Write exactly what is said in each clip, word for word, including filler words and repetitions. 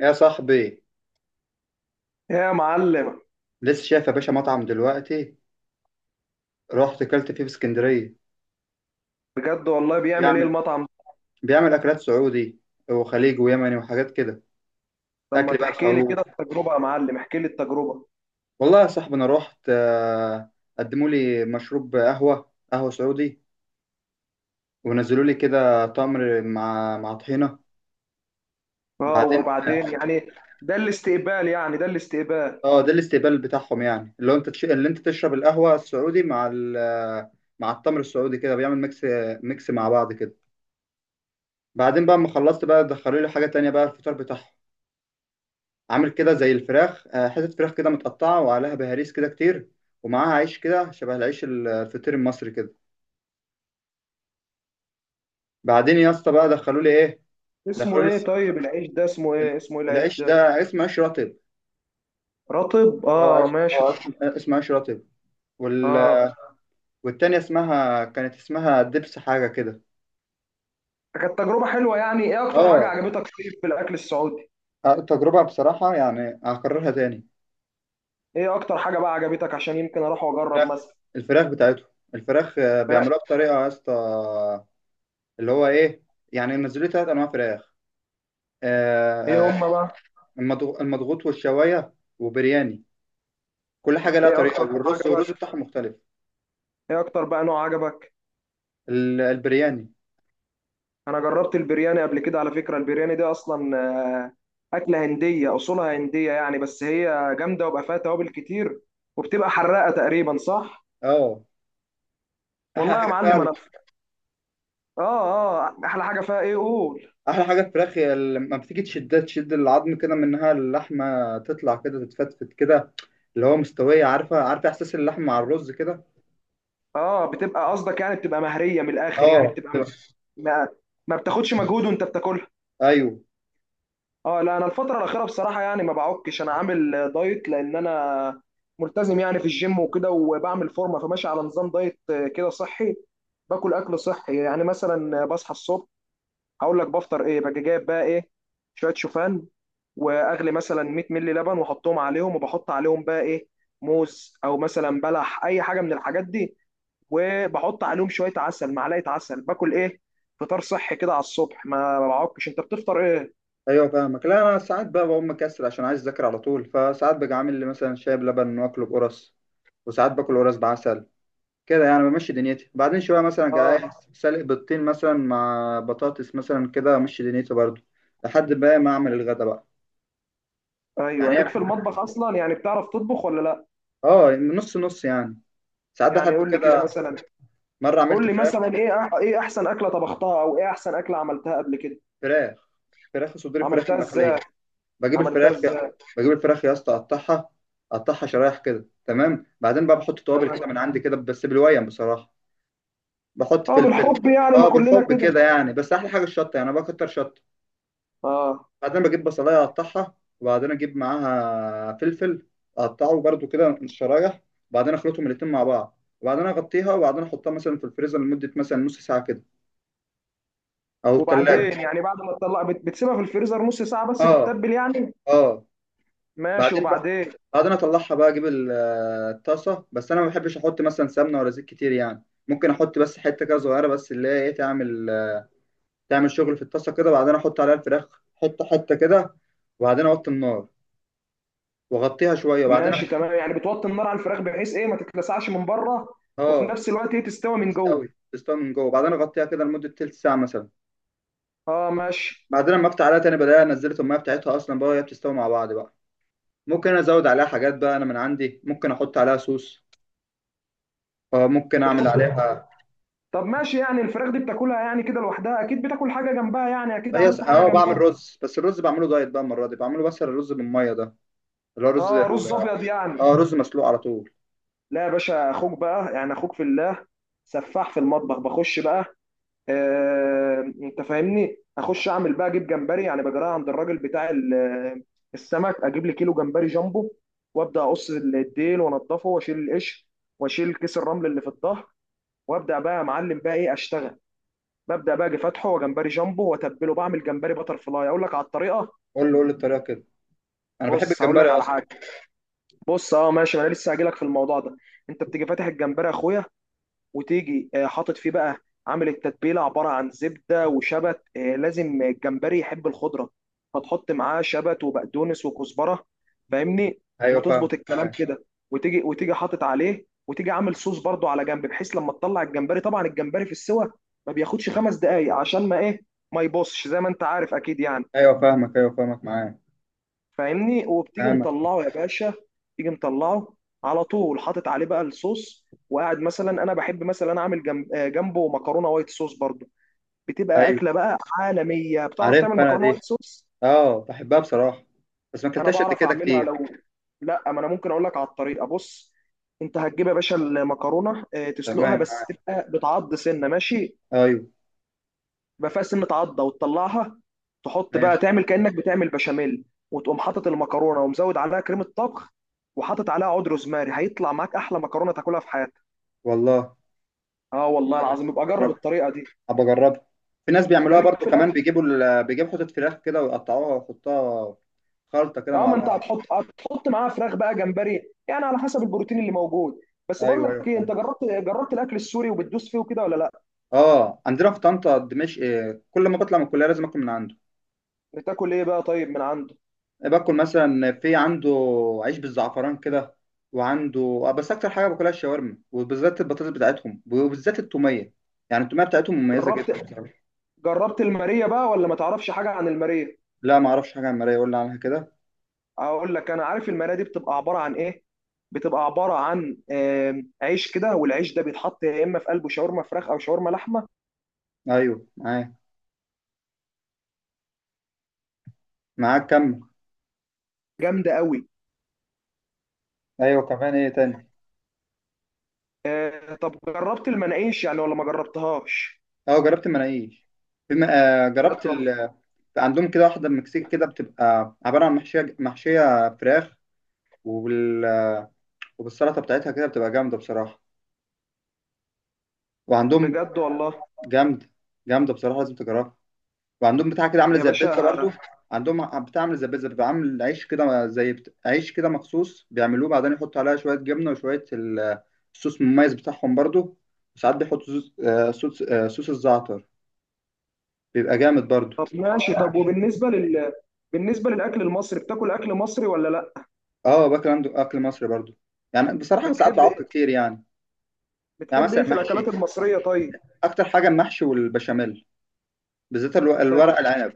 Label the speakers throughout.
Speaker 1: يا صاحبي،
Speaker 2: يا معلم،
Speaker 1: لسه شايف يا باشا مطعم دلوقتي. رحت اكلت فيه في اسكندريه.
Speaker 2: بجد والله بيعمل ايه
Speaker 1: بيعمل
Speaker 2: المطعم ده؟
Speaker 1: بيعمل اكلات سعودي وخليجي ويمني وحاجات كده.
Speaker 2: لما
Speaker 1: اكل بقى
Speaker 2: تحكي لي
Speaker 1: الخروف.
Speaker 2: كده التجربة يا معلم، احكي لي التجربة.
Speaker 1: والله يا صاحبي انا رحت، آه، قدموا لي مشروب قهوه قهوه سعودي. ونزلوا لي كده تمر مع مع طحينه.
Speaker 2: اه،
Speaker 1: بعدين
Speaker 2: وبعدين يعني؟ ده الاستقبال يعني، ده الاستقبال؟
Speaker 1: اه ده الاستقبال بتاعهم، يعني اللي هو انت تش... اللي انت تشرب القهوه السعودي مع ال... مع التمر السعودي كده، بيعمل ميكس ميكس مع بعض كده. بعدين بقى اما خلصت بقى دخلوا لي حاجه تانية بقى الفطار بتاعهم. عامل كده زي الفراخ، آه، حتت فراخ كده متقطعة وعليها بهاريس كده كتير، ومعاها عيش كده شبه العيش الفطير المصري كده. بعدين يا اسطى بقى دخلوا لي ايه؟ دخلوا
Speaker 2: اسمه
Speaker 1: لي
Speaker 2: ايه
Speaker 1: الس-
Speaker 2: طيب العيش ده، اسمه ايه اسمه ايه العيش
Speaker 1: العيش
Speaker 2: ده؟
Speaker 1: ده اسمه عيش رطب.
Speaker 2: رطب،
Speaker 1: اه
Speaker 2: اه،
Speaker 1: عيش
Speaker 2: ماشي،
Speaker 1: اه
Speaker 2: طب،
Speaker 1: عيش اسمه عيش رطب. وال...
Speaker 2: اه.
Speaker 1: والتانية اسمها كانت اسمها دبس حاجة كده.
Speaker 2: كانت تجربة حلوة، يعني ايه اكتر حاجة
Speaker 1: اه
Speaker 2: عجبتك طيب في الاكل السعودي؟
Speaker 1: آه، تجربة بصراحة يعني هكررها تاني.
Speaker 2: ايه اكتر حاجة بقى عجبتك عشان يمكن اروح واجرب
Speaker 1: فراخ
Speaker 2: مثلا؟
Speaker 1: الفراخ بتاعتهم. الفراخ، آه،
Speaker 2: لا،
Speaker 1: بيعملوها بطريقة يا اسطى، اللي هو ايه، يعني نزلوا لي تلات انواع فراخ.
Speaker 2: ايه
Speaker 1: آه، آه،
Speaker 2: هم بقى؟
Speaker 1: المضغ- المضغوط والشوايه وبرياني، كل حاجه لها
Speaker 2: ايه
Speaker 1: طريقه.
Speaker 2: اكتر نوع
Speaker 1: والرز والرز
Speaker 2: عجبك؟
Speaker 1: بتاعهم مختلف.
Speaker 2: ايه اكتر بقى نوع عجبك؟
Speaker 1: ال- البرياني.
Speaker 2: انا جربت البرياني قبل كده على فكره، البرياني دي اصلا آه، اكله هنديه اصولها هنديه يعني، بس هي جامده وبقى فيها توابل كتير، وبتبقى حراقه تقريبا، صح؟
Speaker 1: اه. احلى
Speaker 2: والله يا
Speaker 1: حاجه فيها
Speaker 2: معلم
Speaker 1: ال-
Speaker 2: انا. اه، اه، احلى حاجه فيها ايه قول؟
Speaker 1: احلى حاجه الفراخ، هي لما بتيجي تشدها تشد العظم كده منها، اللحمه تطلع كده تتفتفت كده، اللي هو مستويه، عارفه عارفه احساس اللحمه مع الرز كده.
Speaker 2: اه، بتبقى قصدك يعني بتبقى مهريه من الاخر، يعني
Speaker 1: اه.
Speaker 2: بتبقى.
Speaker 1: تبقى-
Speaker 2: ما, ما بتاخدش مجهود وانت بتاكلها.
Speaker 1: ايوه،
Speaker 2: اه، لا انا الفتره الاخيره بصراحه يعني ما بعكش، انا عامل دايت لان انا ملتزم يعني في الجيم وكده وبعمل فورمه، فماشي على نظام دايت كده صحي. باكل اكل صحي، يعني مثلا بصحى الصبح هقول لك بفطر ايه، باجي جايب بقى ايه، شويه شوفان، واغلي مثلا 100 مللي لبن واحطهم عليهم، وبحط عليهم بقى ايه، موز او مثلا بلح اي حاجه من الحاجات دي، وبحط عليهم شويه عسل، معلقه عسل، باكل ايه، فطار صحي كده على الصبح. ما ما بعكش، انت بتفطر ايه؟
Speaker 1: ايوه، فاهمك. لا، انا ساعات بقى بقوم مكسل عشان عايز اذاكر على طول، فساعات باجي عامل لي مثلا شاي بلبن واكله بقرص، وساعات باكل قرص بعسل كده، يعني بمشي دنيتي. بعدين شوية مثلا جاي،
Speaker 2: اه.
Speaker 1: سالق بيضتين مثلا مع بطاطس مثلا، كده أمشي دنيتي برضو لحد بقى ما أعمل الغدا بقى.
Speaker 2: ايوه،
Speaker 1: يعني
Speaker 2: ليك
Speaker 1: هي-
Speaker 2: في المطبخ اصلا، يعني بتعرف تطبخ ولا لا؟
Speaker 1: اه، نص نص يعني. ساعات
Speaker 2: يعني
Speaker 1: بحب
Speaker 2: قول لي كده
Speaker 1: كده.
Speaker 2: مثلا،
Speaker 1: مرة
Speaker 2: قول
Speaker 1: عملت
Speaker 2: لي
Speaker 1: فراخ
Speaker 2: مثلا ايه أح- ايه احسن اكله طبختها، او ايه احسن اكله عملتها قبل كده؟
Speaker 1: فراخ فراخ صدور فراخ
Speaker 2: عملتها
Speaker 1: المخلية.
Speaker 2: ازاي؟
Speaker 1: بجيب
Speaker 2: عملتها
Speaker 1: الفراخ يا
Speaker 2: ازاي؟
Speaker 1: بجيب الفراخ يا اسطى، أقطعها أقطعها شرايح كده تمام. بعدين بقى بحط توابل كده
Speaker 2: تمام.
Speaker 1: من عندي كده، بس بالويم بصراحة. بحط
Speaker 2: اه،
Speaker 1: فلفل.
Speaker 2: بالحب يعني ما
Speaker 1: اه،
Speaker 2: كلنا
Speaker 1: بالحب
Speaker 2: كده.
Speaker 1: كده يعني، بس أحلى حاجة الشطة، يعني أنا بكتر شطة.
Speaker 2: اه،
Speaker 1: بعدين بجيب بصلاية أقطعها، وبعدين أجيب معاها فلفل أقطعه برضو كده شرايح، وبعدين أخلطهم الاتنين مع بعض، وبعدين أغطيها، وبعدين أحطها مثلا في الفريزر لمدة مثلا نص ساعة كده أو التلاجة.
Speaker 2: وبعدين يعني بعد ما تطلع بت- بتسيبها في الفريزر نص ساعه بس
Speaker 1: آه،
Speaker 2: تتبل يعني؟
Speaker 1: آه.
Speaker 2: ماشي،
Speaker 1: بعدين بقى
Speaker 2: وبعدين؟
Speaker 1: بعدين أطلعها بقى أجيب ال- آه، الطاسة، بس أنا ما بحبش أحط مثلا سمنة ولا زيت كتير، يعني ممكن أحط بس حتة كده صغيرة، بس اللي هي إيه تعمل، تعمل شغل في الطاسة كده. وبعدين أحط عليها الفراخ حتة حتة كده، وبعدين أوطي النار وأغطيها شوية وبعدين
Speaker 2: ماشي
Speaker 1: أفتح.
Speaker 2: تمام، يعني بتوطي النار على الفراخ بحيث ايه ما تتلسعش من بره، وفي
Speaker 1: آه.
Speaker 2: نفس الوقت ايه تستوي من جوه.
Speaker 1: تستوي تستوي من جوه. بعدين اغطيها كده لمده تلت ساعه مثلا.
Speaker 2: اه، ماشي.
Speaker 1: بعدين لما افتح عليها تاني بلاقيها نزلت الميه بتاعتها اصلا بقى، وهي بتستوي مع بعض بقى. ممكن أنا ازود عليها حاجات بقى انا من عندي، ممكن احط عليها صوص، آه، ممكن اعمل
Speaker 2: بتحط
Speaker 1: عليها.
Speaker 2: طب ماشي يعني الفراخ دي بتاكلها يعني كده لوحدها، اكيد بتاكل حاجه جنبها، يعني اكيد
Speaker 1: هي س-
Speaker 2: عملت حاجه
Speaker 1: اه بعمل
Speaker 2: جنبها.
Speaker 1: رز، بس الرز بعمله دايت بقى، المره دي بعمله بس الرز بالميه ده، اللي هو رز
Speaker 2: اه،
Speaker 1: ال...
Speaker 2: رز ابيض يعني؟
Speaker 1: اه، رز مسلوق على طول.
Speaker 2: لا يا باشا، اخوك بقى يعني، اخوك في الله سفاح في المطبخ، بخش بقى. آه، انت فاهمني، اخش اعمل بقى اجيب جمبري يعني، بجراها عند الراجل بتاع ال- آه، السمك، اجيب لي كيلو جمبري جامبو، وابدا اقص الديل وانضفه واشيل القش، واشيل كيس الرمل اللي في الظهر، وابدا بقى يا معلم بقى ايه اشتغل. ببدا بقى اجي فاتحه وجمبري جامبو واتبله، بعمل جمبري بتر فلاي، اقول لك على الطريقه.
Speaker 1: قول له قول لي الطريقه كده، انا بحب
Speaker 2: بص، هقول
Speaker 1: الجمبري
Speaker 2: لك على
Speaker 1: اصلا.
Speaker 2: حاجه. بص، اه، ماشي، ما انا لسه هجيلك في الموضوع ده. انت بتيجي فاتح الجمبري يا اخويا، وتيجي آه، حاطط فيه بقى، عامل التتبيله عباره عن زبده وشبت، آه، لازم الجمبري يحب الخضره، فتحط معاه شبت وبقدونس وكزبره، فاهمني؟
Speaker 1: ايوه، فاهمك،
Speaker 2: وتظبط الكلام
Speaker 1: معاك.
Speaker 2: كده، وتيجي وتيجي حاطط عليه، وتيجي عامل صوص برضو على جنب، بحيث لما تطلع الجمبري طبعا الجمبري في السوى ما بياخدش خمس دقايق عشان ما ايه، ما يبصش زي ما انت عارف اكيد يعني.
Speaker 1: ايوه، فاهمك، ايوه، فاهمك، معاك،
Speaker 2: فاهمني؟ وبتيجي
Speaker 1: فاهمك.
Speaker 2: مطلعه يا باشا، تيجي مطلعه على طول، حاطط عليه بقى الصوص، وقاعد مثلا انا بحب مثلا اعمل جنب آه، جنبه مكرونه وايت صوص برضو. بتبقى
Speaker 1: ايوه،
Speaker 2: اكله بقى عالميه. بتعرف
Speaker 1: عارف
Speaker 2: تعمل
Speaker 1: انا
Speaker 2: مكرونه
Speaker 1: دي،
Speaker 2: وايت صوص؟
Speaker 1: اه، بحبها بصراحه، بس ما
Speaker 2: انا
Speaker 1: اكلتهاش قد
Speaker 2: بعرف
Speaker 1: كده
Speaker 2: اعملها
Speaker 1: كتير.
Speaker 2: لو. لا، ما انا ممكن اقول لك على الطريقه، بص. انت هتجيب يا باشا المكرونه، آه،
Speaker 1: تمام،
Speaker 2: تسلقها بس
Speaker 1: معاك.
Speaker 2: تبقى بتعض سنه، ماشي؟
Speaker 1: ايوه،
Speaker 2: يبقى فيها سنة عضة وتطلعها. تحط
Speaker 1: ماشي.
Speaker 2: بقى تعمل كأنك بتعمل بشاميل، وتقوم حاطط المكرونة ومزود عليها كريمة طبخ، وحاطط عليها عود روزماري، هيطلع معاك أحلى مكرونة تاكلها في حياتك.
Speaker 1: والله،
Speaker 2: اه والله
Speaker 1: جامد،
Speaker 2: العظيم، يبقى جرب
Speaker 1: بجربها،
Speaker 2: الطريقة دي.
Speaker 1: ابقى اجربها. في ناس
Speaker 2: انت
Speaker 1: بيعملوها
Speaker 2: ليك
Speaker 1: برضو
Speaker 2: في
Speaker 1: كمان،
Speaker 2: الأكل؟
Speaker 1: بيجيبوا ال... بيجيبوا حتة فراخ كده ويقطعوها ويحطوها خلطة كده
Speaker 2: اه،
Speaker 1: مع
Speaker 2: ما انت
Speaker 1: بعض.
Speaker 2: هتحط هتحط معاها فراخ بقى، جمبري، يعني على حسب البروتين اللي موجود. بس بقول
Speaker 1: ايوه، ايوه،
Speaker 2: لك ايه،
Speaker 1: فاهم.
Speaker 2: انت جربت جربت الاكل السوري وبتدوس فيه وكده ولا لا؟
Speaker 1: اه، عندنا في طنطا دمشق، آه، كل ما بطلع من الكلية لازم اكل من عنده.
Speaker 2: بتاكل ايه بقى طيب من عنده؟
Speaker 1: إيه، باكل مثلا في عنده عيش بالزعفران كده. وعنده آه، بس اكتر حاجة باكلها الشاورما، وبالذات البطاطس بتاعتهم، وبالذات التومية، يعني التومية بتاعتهم مميزة جدا
Speaker 2: جربت
Speaker 1: بصراحة.
Speaker 2: جربت الماريه بقى ولا ما تعرفش حاجه عن الماريه؟
Speaker 1: لا، ما اعرفش حاجة عن المرايه، يقول لي عنها كده.
Speaker 2: اقول لك، انا عارف المرايه دي بتبقى عباره عن ايه. بتبقى عباره عن آم، عيش كده، والعيش ده بيتحط يا اما في قلبه شاورما فراخ او شاورما لحمه.
Speaker 1: ايوه، معاك معاك كمل.
Speaker 2: جامده قوي.
Speaker 1: ايوه، كمان ايه تاني؟
Speaker 2: آه، طب جربت المناقيش يعني ولا ما جربتهاش؟
Speaker 1: اه، جربت المناقيش. بما آه جربت
Speaker 2: بجد والله.
Speaker 1: ال... عندهم كده واحده من المكسيك كده، بتبقى عباره عن محشيه محشيه فراخ. وبال... وبالسلطه بتاعتها كده، بتبقى جامده بصراحه. وعندهم
Speaker 2: بجد والله
Speaker 1: جامده، جامده بصراحه، لازم تجربها. وعندهم بتاع كده عامله
Speaker 2: يا
Speaker 1: زي البيتزا
Speaker 2: باشا.
Speaker 1: برضو. عندهم بتاع عامله زي البيتزا، بيبقى عامل عيش كده زي بت... عيش كده مخصوص بيعملوه، بعدين يحطوا عليها شويه جبنه وشويه ال- الصوص المميز بتاعهم برضو. وساعات بيحطوا صوص آه صوص, آه صوص الزعتر، بيبقى جامد برضو.
Speaker 2: طب ماشي، طب وبالنسبه لل بالنسبه للاكل المصري، بتاكل اكل مصري ولا لا؟
Speaker 1: اه، باكل عنده اكل مصري برضو، يعني بصراحه ساعات
Speaker 2: بتحب
Speaker 1: بعك
Speaker 2: إيه-
Speaker 1: كتير يعني. يعني
Speaker 2: بتحب ايه
Speaker 1: مثلا
Speaker 2: في الاكلات
Speaker 1: محشي.
Speaker 2: المصريه طيب؟
Speaker 1: اكتر حاجه المحشي والبشاميل، بالذات الو-
Speaker 2: طيب،
Speaker 1: الورق
Speaker 2: بت-
Speaker 1: العنب.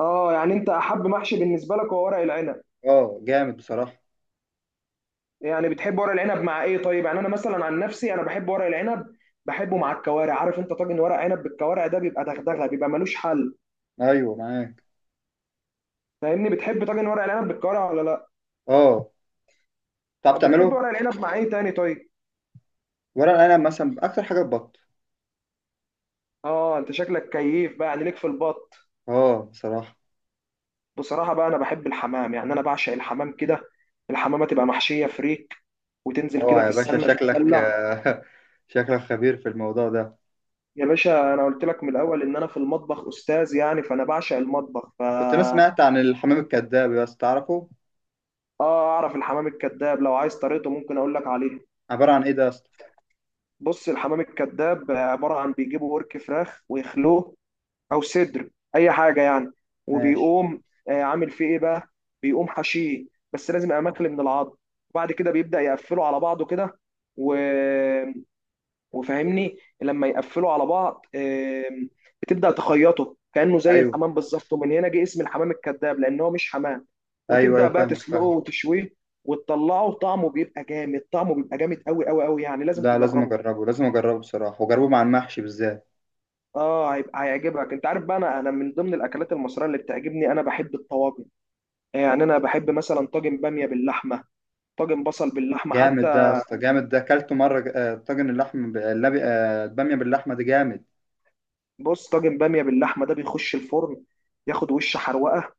Speaker 2: اه يعني انت احب محشي بالنسبه لك هو ورق العنب؟
Speaker 1: اه، جامد بصراحه.
Speaker 2: يعني بتحب ورق العنب مع ايه طيب؟ يعني انا مثلا عن نفسي انا بحب ورق العنب، بحبه مع الكوارع. عارف انت طاجن ورق عنب بالكوارع ده بيبقى دغدغه، بيبقى ملوش حل.
Speaker 1: ايوه، معاك.
Speaker 2: فاهمني؟ بتحب طاجن ورق العنب بالكوارع ولا؟
Speaker 1: اه، تعرف
Speaker 2: لا، بتحب
Speaker 1: تعمله.
Speaker 2: ورق العنب مع ايه تاني طيب؟
Speaker 1: ورق العنب مثلا اكتر حاجه البط.
Speaker 2: اه، انت شكلك كيف بقى يعني، ليك في البط؟
Speaker 1: اه، بصراحه.
Speaker 2: بصراحه بقى انا بحب الحمام، يعني انا بعشق الحمام كده. الحمامه تبقى محشيه فريك، وتنزل
Speaker 1: اه
Speaker 2: كده في
Speaker 1: يا باشا
Speaker 2: السمنه
Speaker 1: شكلك
Speaker 2: تتدلع.
Speaker 1: آه، شكلك خبير في الموضوع ده.
Speaker 2: يا باشا، انا قلت لك من الاول ان انا في المطبخ استاذ يعني، فانا بعشق المطبخ ف
Speaker 1: كنت انا سمعت عن الحمام الكذاب بس تعرفه؟
Speaker 2: اه، اعرف الحمام الكذاب، لو عايز طريقته ممكن اقول لك عليه.
Speaker 1: عباره عن ايه ده يا اسطى؟
Speaker 2: بص، الحمام الكذاب عباره عن بيجيبوا ورك فراخ ويخلوه، او صدر، اي حاجه يعني،
Speaker 1: ماشي.
Speaker 2: وبيقوم آه، عامل فيه ايه بقى، بيقوم حشيه، بس لازم يبقى ماكل من العظم، وبعد كده بيبدا يقفله على بعضه كده، و... وفاهمني لما يقفلوا على بعض، آم، بتبدأ تخيطه كأنه زي
Speaker 1: ايوه،
Speaker 2: الحمام بالظبط، ومن هنا جه اسم الحمام الكذاب لأن هو مش حمام.
Speaker 1: ايوه، ايوه،
Speaker 2: وتبدأ بقى
Speaker 1: فاهمك،
Speaker 2: تسلقه
Speaker 1: فاهم.
Speaker 2: وتشويه وتطلعه، طعمه بيبقى جامد، طعمه بيبقى جامد قوي قوي قوي، يعني لازم
Speaker 1: لا، لازم
Speaker 2: تجربه.
Speaker 1: اجربه، لازم اجربه بصراحه، واجربه مع المحشي بالذات.
Speaker 2: اه هيبقى هيعجبك. انت عارف بقى، انا انا من ضمن الاكلات المصريه اللي بتعجبني، انا بحب الطواجن. يعني انا بحب مثلا طاجن باميه باللحمه، طاجن بصل باللحمه حتى.
Speaker 1: جامد ده يا اسطى، جامد ده، اكلته مره، آه، طاجن اللحم ب- اللبي- آه، الباميه باللحمه دي جامد.
Speaker 2: بص، طاجن باميه باللحمه ده بيخش الفرن، ياخد وش حروقه،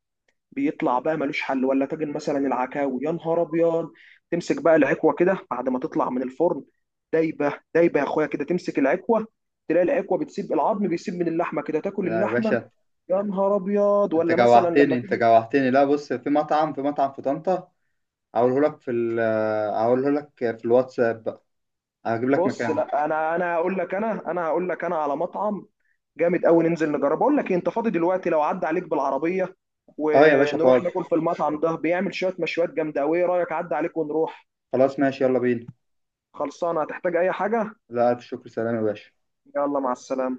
Speaker 2: بيطلع بقى ملوش حل. ولا طاجن مثلا العكاوي، يا نهار ابيض، تمسك بقى العكوه كده بعد ما تطلع من الفرن، دايبه دايبه يا اخويا، كده تمسك العكوه تلاقي العكوه بتسيب العظم، بيسيب من اللحمه كده تاكل
Speaker 1: آه، يا
Speaker 2: اللحمه.
Speaker 1: باشا،
Speaker 2: يا نهار ابيض.
Speaker 1: انت
Speaker 2: ولا مثلا
Speaker 1: جوعتني،
Speaker 2: لما
Speaker 1: انت
Speaker 2: تيجي.
Speaker 1: جوعتني. لا، بص، في مطعم في مطعم في طنطا. هقوله لك في ال آه، هقوله لك في الواتساب بقى، هجيب لك
Speaker 2: بص،
Speaker 1: مكانه.
Speaker 2: لا انا انا هقول لك، انا انا هقول لك انا على مطعم جامد قوي، ننزل نجربه. اقول لك إيه، انت فاضي دلوقتي؟ لو عدى عليك بالعربيه
Speaker 1: اه يا باشا،
Speaker 2: ونروح
Speaker 1: فاضي.
Speaker 2: ناكل في المطعم ده، بيعمل شويه مشويات جامده قوي. ايه رايك، عدى عليك ونروح؟
Speaker 1: خلاص، ماشي، يلا بينا.
Speaker 2: خلصانه؟ هتحتاج اي حاجه؟
Speaker 1: لا، الف شكر، سلام يا باشا.
Speaker 2: يلا، مع السلامه.